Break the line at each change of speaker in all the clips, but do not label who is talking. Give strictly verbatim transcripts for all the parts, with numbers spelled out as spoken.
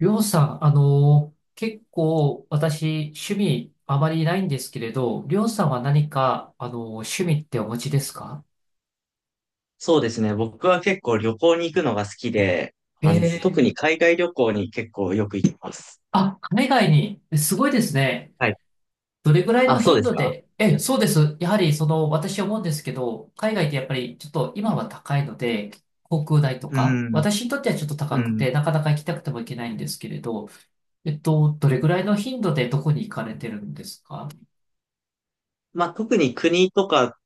りょうさん、あの結構私、趣味あまりないんですけれど、りょうさんは何か、あの趣味ってお持ちですか？
そうですね。僕は結構旅行に行くのが好きで、あの、特
え
に
え。
海外旅行に結構よく行きます。
あ、海外に、えすごいですね。
はい。
どれぐらい
あ、
の
そう
頻
です
度
か。
で、え、そうです。やはり、その、私思うんですけど、海外ってやっぱりちょっと今は高いので、航空代と
う
か、
ん。
私にとってはちょっと
う
高く
ん。
て、なかなか行きたくても行けないんですけれど、えっと、どれぐらいの頻度でどこに行かれてるんですか？
まあ、特に国とか、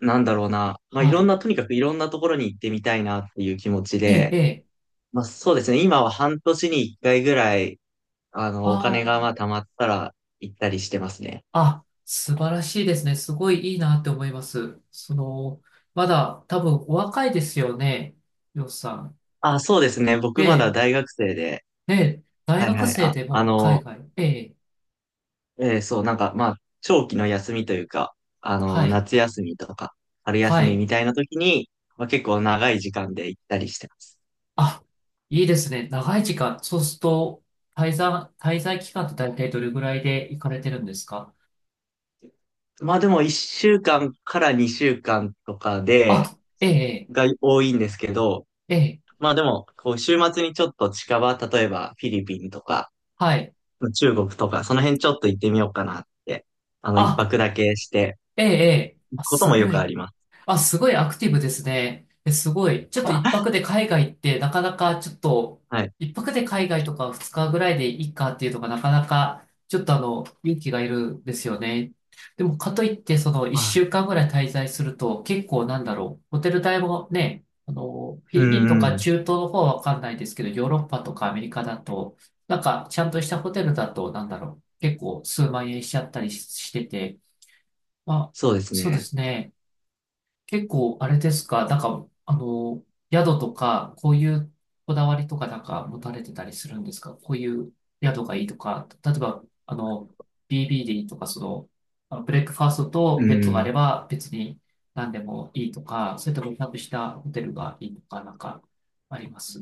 なんだろうな。まあ、い
は
ろん
い。
な、とにかくいろんなところに行ってみたいなっていう気持ち
ええ、え
で、
え。
まあ、そうですね。今は半年に一回ぐらい、あの、お
あ
金がまあ
あ。
貯まったら行ったりしてますね。
あ、素晴らしいですね。すごいいいなって思います。その、まだ多分お若いですよね、りょうさん。
あ、そうですね。
え
僕まだ
え、
大学生で、
ええ、大
はい
学
はい。
生
あ、
で
あ
も海
の、
外。ええ、
えーそう、なんか、まあ、長期の休みというか、あ
は
の、
い、
夏休みとか、春休
は
み
い。
みたいな時に、まあ、結構長い時間で行ったりしてます。
あ、いいですね。長い時間。そうすると、滞在、滞在期間って大体どれぐらいで行かれてるんですか？
まあでも、いっしゅうかんかんからにしゅうかんとかで、
あ、ええ、
が多いんですけど、
ええ、ええ。
まあでも、こう、週末にちょっと近場、例えばフィリピンとか、
はい。
中国とか、その辺ちょっと行ってみようかなって、あの、一
あ、
泊だけして、
ええ、ええ、
行
あ、
くこと
す
もよ
ご
くあ
い。
ります。
あ、すごいアクティブですね。え、すごい。ちょっと一 泊で海外ってなかなかちょっと、
はい。
一泊で海外とか二日ぐらいでいいかっていうのがなかなか、ちょっとあの、勇気がいるんですよね。でも、かといって、その一
あ、
週間ぐらい滞在すると、結構なんだろう。ホテル代もね、あの、フィ
う
リピンとか
ん、
中東の方はわかんないですけど、ヨーロッパとかアメリカだと、なんかちゃんとしたホテルだと、なんだろう。結構数万円しちゃったりししてて、まあ、
そうです
そうで
ね。
すね。結構、あれですか、なんか、あの、宿とか、こういうこだわりとかなんか持たれてたりするんですか？こういう宿がいいとか、例えば、あの、ビービーディー とか、その、あのブレックファーストと
う
ベッドがあ
ん。
れば別に何でもいいとか、それともちゃんとしたホテルがいいとか、なんかあります？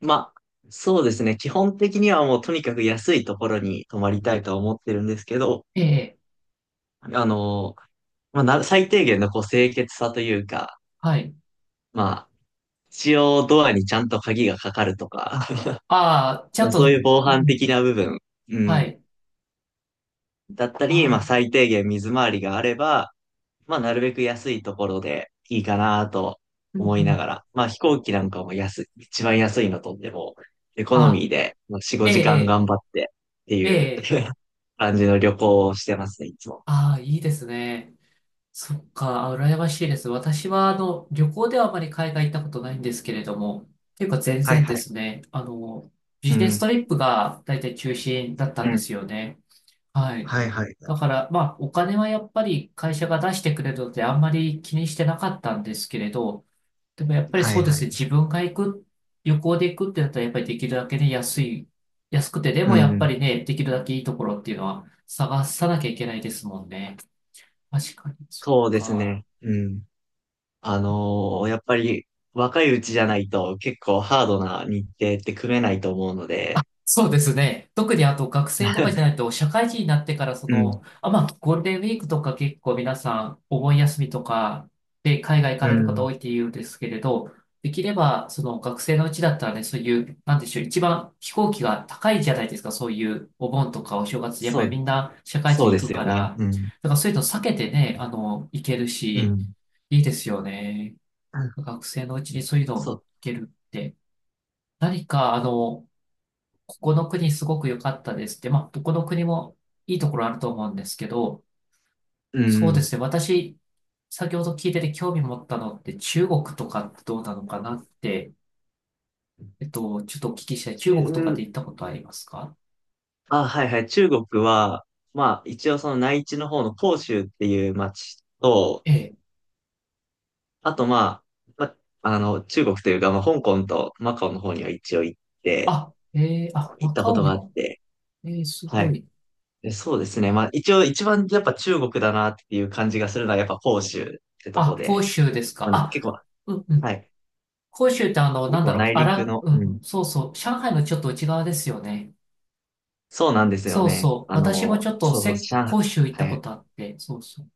まあ、そうですね。基本的にはもうとにかく安いところに泊まりたいとは思ってるんですけど、
ええ、
あの、まあ、な最低限のこう清潔さというか、
はい。
まあ、一応ドアにちゃんと鍵がかかるとか、
ああ、ちゃ
ま
ん
あ、そうい
と、
う防
う
犯
ん、
的な部分、う
は
ん、
い。
だったり、まあ
ああ、
最低限水回りがあれば、まあなるべく安いところでいいかなと
うんう
思いな
ん、
がら、まあ飛行機なんかも安い、一番安いのとっても、エコ
あ
ノミー
あ、
でまあよん、
え
ごじかん
え、
頑張ってって
え
いう
え、ええ。
感じの旅行をしてますね、いつも。
ああ、いいですね。そっか、羨ましいです。私は、あの、旅行ではあまり海外行ったことないんですけれども、っていうか全
はい
然で
はい。
すね、あの、ビ
う
ジネスト
ん。
リップが大体中心だった
う
んで
ん。
すよね。はい。
はいはい。
だから、まあ、お金はやっぱり会社が出してくれるのであんまり気にしてなかったんですけれど、でもやっぱり
は
そ
い
うで
は
すね、
い。
自分が行く、旅行で行くってなったらやっぱりできるだけね、安い、安くて、で
う
もやっぱ
ん。
りね、できるだけいいところっていうのは探さなきゃいけないですもんね。確かに、そっ
そうです
か。
ね。うん。あのーやっぱり若いうちじゃないと結構ハードな日程って組めないと思うので、
そうですね。特にあと学生とかじゃないと、社会人になってからそ
うん。
の、あ、まあ、ゴールデンウィークとか結構皆さんお盆休みとかで海外行か
う
れる方
ん。
多いって言うんですけれど、できればその学生のうちだったらね、そういう、なんでしょう、一番飛行機が高いじゃないですか、そういうお盆とかお正月、やっぱ
そ
り
う、
みんな社会
そ
人
うで
行く
す
か
よね。
ら、
うん。
だからそういうの避けてね、あの、行ける
う
し、
ん。
いいですよね。学生のうちにそういうの
そ
行
う。
けるって。何か、あの、ここの国すごく良かったですって、まあ、どこの国もいいところあると思うんですけど、
う
そうで
ん。
すね、私、先ほど聞いてて興味持ったのって中国とかってどうなのかなって、えっと、ちょっとお聞きしたい。中国とか
中、
で行ったことありますか？
あ、はいはい。中国は、まあ、一応その内地の方の広州っていう町と、
ええ。
あとまあ、まあ、あの、中国というか、まあ、香港とマカオの方には一応行って、
あ、ええ、あ、
行った
若
こ
尾
と
に
があっ
も。
て、
ええ、す
は
ご
い。
い。
で、そうですね。まあ、一応一番やっぱ中国だなっていう感じがするのはやっぱ広州ってとこ
あ、広
で、
州ですか。
まあ、な結
あ、
構、
うんう
は
ん。
い。
広州ってあの、
結
なんだ
構
ろう、
内
あ
陸
ら、
の、
うん
う
う
ん、
ん、そうそう。上海のちょっと内側ですよね。
そうなんですよ
そう
ね。
そう。
あ
私も
の、
ちょっと
そう
せ、
そう、上
広州行ったこ
海。
とあって、そうそう。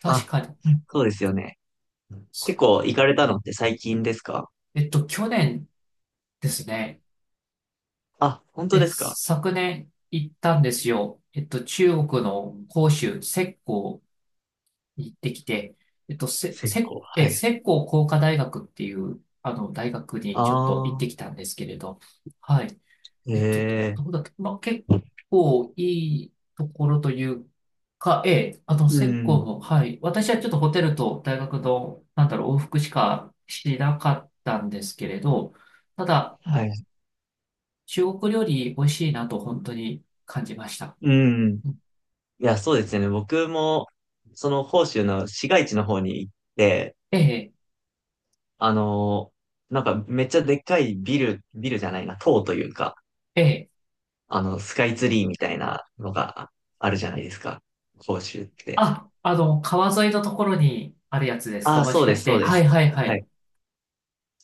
確
あ、
かに。うん。
そうですよね。結構行かれたのって最近ですか？
えっと、去年ですね。
あ、本当
で、
ですか？
昨年行ったんですよ。えっと、中国の広州、浙江に行ってきて、えっと、せ、
結
せ、
構、は
え、
い。
浙江工科大学っていう、あの、大学
あ
にちょっと行って
あ、
きたんですけれど、はい。えっと、ど
ええ、
こだっけ？まあ、結構いいところというか、ええ、あの、
う
セッ
ん、
も、はい。私はちょっとホテルと大学の、なんだろう、往復しかしなかったんですけれど、ただ、う
は
ん、
い。
中国料理美味しいなと本当に感じました。
うん。
うん、
いや、そうですね。僕も、その、広州の市街地の方に行って、
ええ、
あのーなんか、めっちゃでっかいビル、ビルじゃないな、塔というか、
ええ。
あの、スカイツリーみたいなのがあるじゃないですか。広州って。
あ、あの、川沿いのところにあるやつですか？
ああ、
もし
そうで
かし
す、そ
て。
うで
はい
す。
はいは
はい。
い。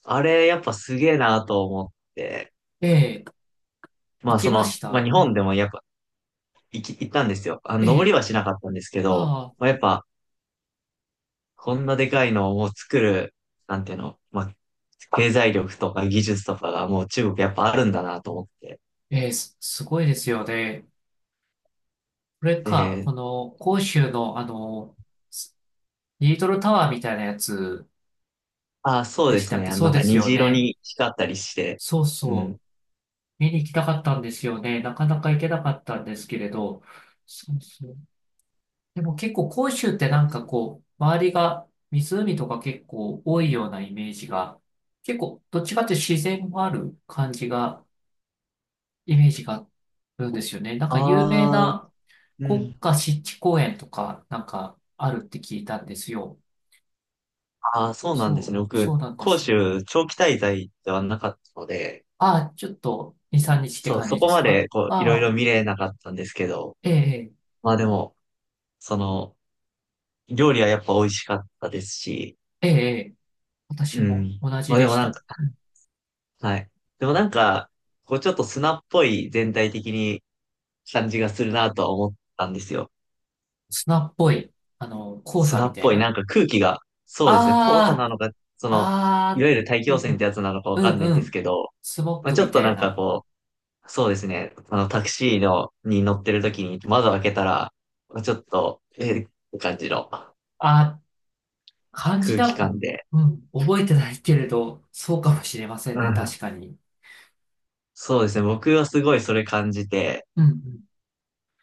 あれ、やっぱすげえなと思って、
ええ、
ま
行
あ
き
そ
ま
の、
し
まあ
た。
日本
あ、
でもやっぱ行き、行ったんですよ。あの、
え
登り
え、
はしなかったんですけど、
ああ、
まあやっぱ、こんなでかいのをもう作る、なんていうの、まあ、経済力とか技術とかがもう中国やっぱあるんだなと思って。
ええ、すすごいですよね。これか、こ
で、
の、広州の、あの、リートルタワーみたいなやつ
ああ、そう
で
で
し
す
たっ
ね。
け？
あの
そ
な
う
ん
で
か
すよ
虹色
ね。
に光ったりして、
そう
うん。
そう。見に行きたかったんですよね。なかなか行けなかったんですけれど。そうそう。でも結構広州って
そう
な
で
ん
す。
かこう、周りが湖とか結構多いようなイメージが、結構どっちかっていうと自然もある感じが、イメージがあるんですよね。なんか有名
ああ、
な
う
国
ん。
家湿地公園とかなんかあるって聞いたんですよ。
ああ、そうなんです
そう、
ね。
そ
僕、
うなんで
広
す。
州長期滞在ではなかったので、
ああ、ちょっと、に、さんにちって
そう、
感
そ
じで
こ
す
ま
か？
で、こう、いろい
あ
ろ
あ、
見れなかったんですけど、
ええ、
まあでも、その、料理はやっぱ美味しかったですし、
ええ、ええ。私
う
も
ん。
同
ま
じ
あ
で
でも
し
なん
た。
か、
うん。
はい。でもなんか、こう、ちょっと砂っぽい全体的に感じがするなとは思ったんですよ。
砂っぽい、あの、黄砂
砂
み
っ
たい
ぽい、なん
な。
か空気が、そうですね、黄砂
あ
なのか、そ
あ、
の、い
ああ、
わゆる大気
う
汚染ってや
ん
つなのかわ
うん、
かんな
う
いん
んう
です
ん、
けど、
スモッ
まあ
グ
ちょ
み
っと
た
な
い
んか
な。
こう、そうですね、あの、タクシーの、に乗ってる時に窓を開けたら、まあちょっと、えーって感じの。
ああ、感じ
空気
だ。
感で。
うん、覚えてないけれど、そうかもしれませ
う
んね、
ん。
確かに。
そうですね。僕はすごいそれ感じて、
うん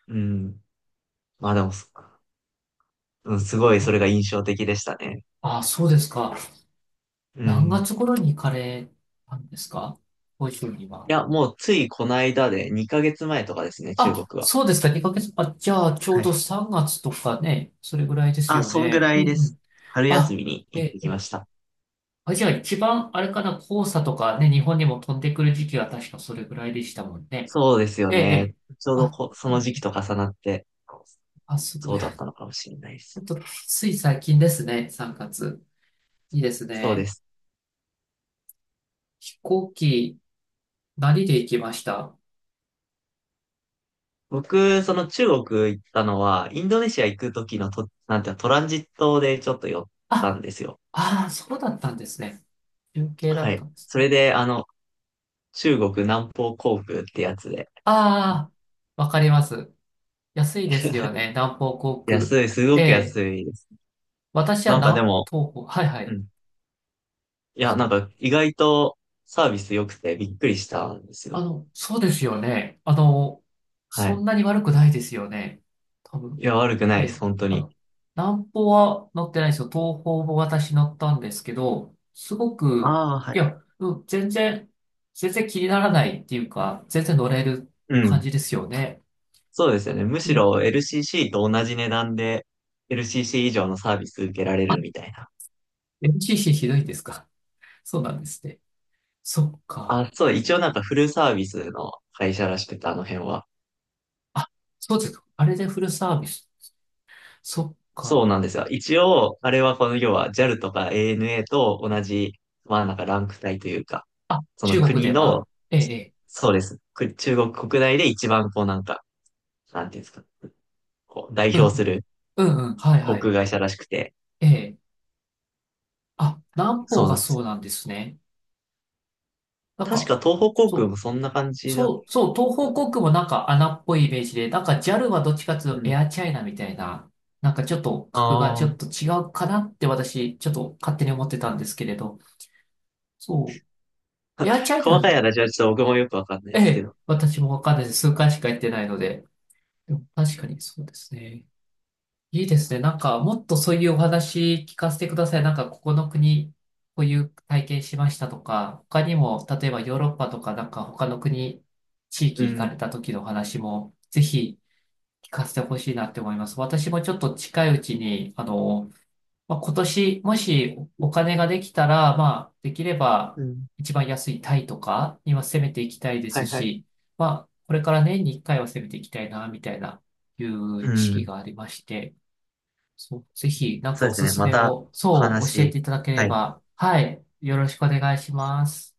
うん。まあでもそ、うん、すごい
う
そ
ん。
れが印象的でしたね。
ああ、そうですか。
う
何
ん。
月頃に行かれたんですか？ご自身には。
いや、もうついこの間でにかげつまえとかですね、中
あ、
国は。
そうですか、にかげつ。あ、じゃあ、ちょう
は
ど
い。
さんがつとかね、それぐらいです
あ、
よ
そんぐ
ね。
ら
う
いで
んう
す。
ん。
春休
あ、
みに行っ
え、
てきま
え、
した。
あ、じゃあ一番、あれかな、黄砂とかね、日本にも飛んでくる時期は確かそれぐらいでしたもんね。
そうですよ
ええ、え
ね。
え。
ちょうど
あ、
こ、そ
う
の時期
ん、
と重なって、
あ、すご
そう
い。
だったの
ほ
かもしれないです。
っと、つい最近ですね、さんがつ。いいです
そうで
ね。
す。
飛行機、何で行きました？
僕、その中国行ったのは、インドネシア行く時のと、なんていうのトランジットでちょっと寄った
あ、
んですよ。
ああ、そうだったんですね。中継だ
は
った
い。
んです
それ
ね。
で、あの、中国南方航空ってやつで。
ああ、わかります。安いですよね。南方航空。
安い、す
え
ごく
え。
安いです。
私は
なんかで
南
も、
東方。はいは
う
い。
ん。い
そ
や、なん
う、
か意外とサービス良くてびっくりしたんです
あ
よ。
の、そうですよね。あの、
は
そん
い。
なに悪くないですよね。多
い
分。
や、悪くな
え
いです、
え。
本当
あ
に。
の、南方は乗ってないですよ。東方も私乗ったんですけど、すごく、
ああ、は
い
い。
や、うん、全然、全然気にならないっていうか、全然乗れる
う
感
ん。
じですよね。
そうですよね。む
う
し
ん。
ろ エルシーシー と同じ値段で エルシーシー 以上のサービス受けられ
あ、
るみたいな。
エルシーシー ひどいですか？そうなんですね。そっ
あ、
か。
そう、一応なんかフルサービスの会社らしくて、あの辺は。
あ、そうですか。あれでフルサービス。そっ
そうなん
か。
ですよ。一応、あれはこの要は ジャル とか エーエヌエー と同じ、まあなんかランク帯というか、
あ、
そ
中
の
国で
国
は
の、
ええ、ええ。
そうです。く中国国内で一番こうなんか、なんていうんですか？こう代
うんう
表す
ん。
る
うんうん。はいは
航空
い。
会社らしくて、
ええ。あ、南方
そう
が
なんで
そう
す。
なんですね。なん
確
か、
か東方航
そ
空
う、
もそんな感じだっ
そう、そう、東方
た。
航空もなんか穴っぽいイメージで、なんか ジャル はどっちかってい
う
うとエ
ん。
アチャイナみたいな、なんかちょっと格が
あ
ちょ
あ、
っと違うかなって私、ちょっと勝手に思ってたんですけれど。そう。エアチャイ
細
ナ、
かい話はちょっと僕もよくわかんないで
え
すけ
え、
ど。
私もわかんないです。数回しか行ってないので。でも確かにそうですね。いいですね。なんか、もっとそういうお話聞かせてください。なんか、ここの国、こういう体験しましたとか、他にも、例えばヨーロッパとか、なんか他の国、地
う
域行か
ん。
れた時のお話も、ぜひ聞かせてほしいなって思います。私もちょっと近いうちに、あの、まあ、今年、もしお金ができたら、まあ、できれば、
うん。
一番安いタイとか、今攻めていきたいで
は
す
いはい。
し、まあ、これから年にいっかいは攻めていきたいな、みたいな、いう
う
意識
ん。
がありまして、そう、ぜひ、なんか
そう
お
です
す
ね。
す
ま
め
た
を、
お
そう、
話し
教え
し
ていただけれ
たい
ば、はい、よろしくお願いします。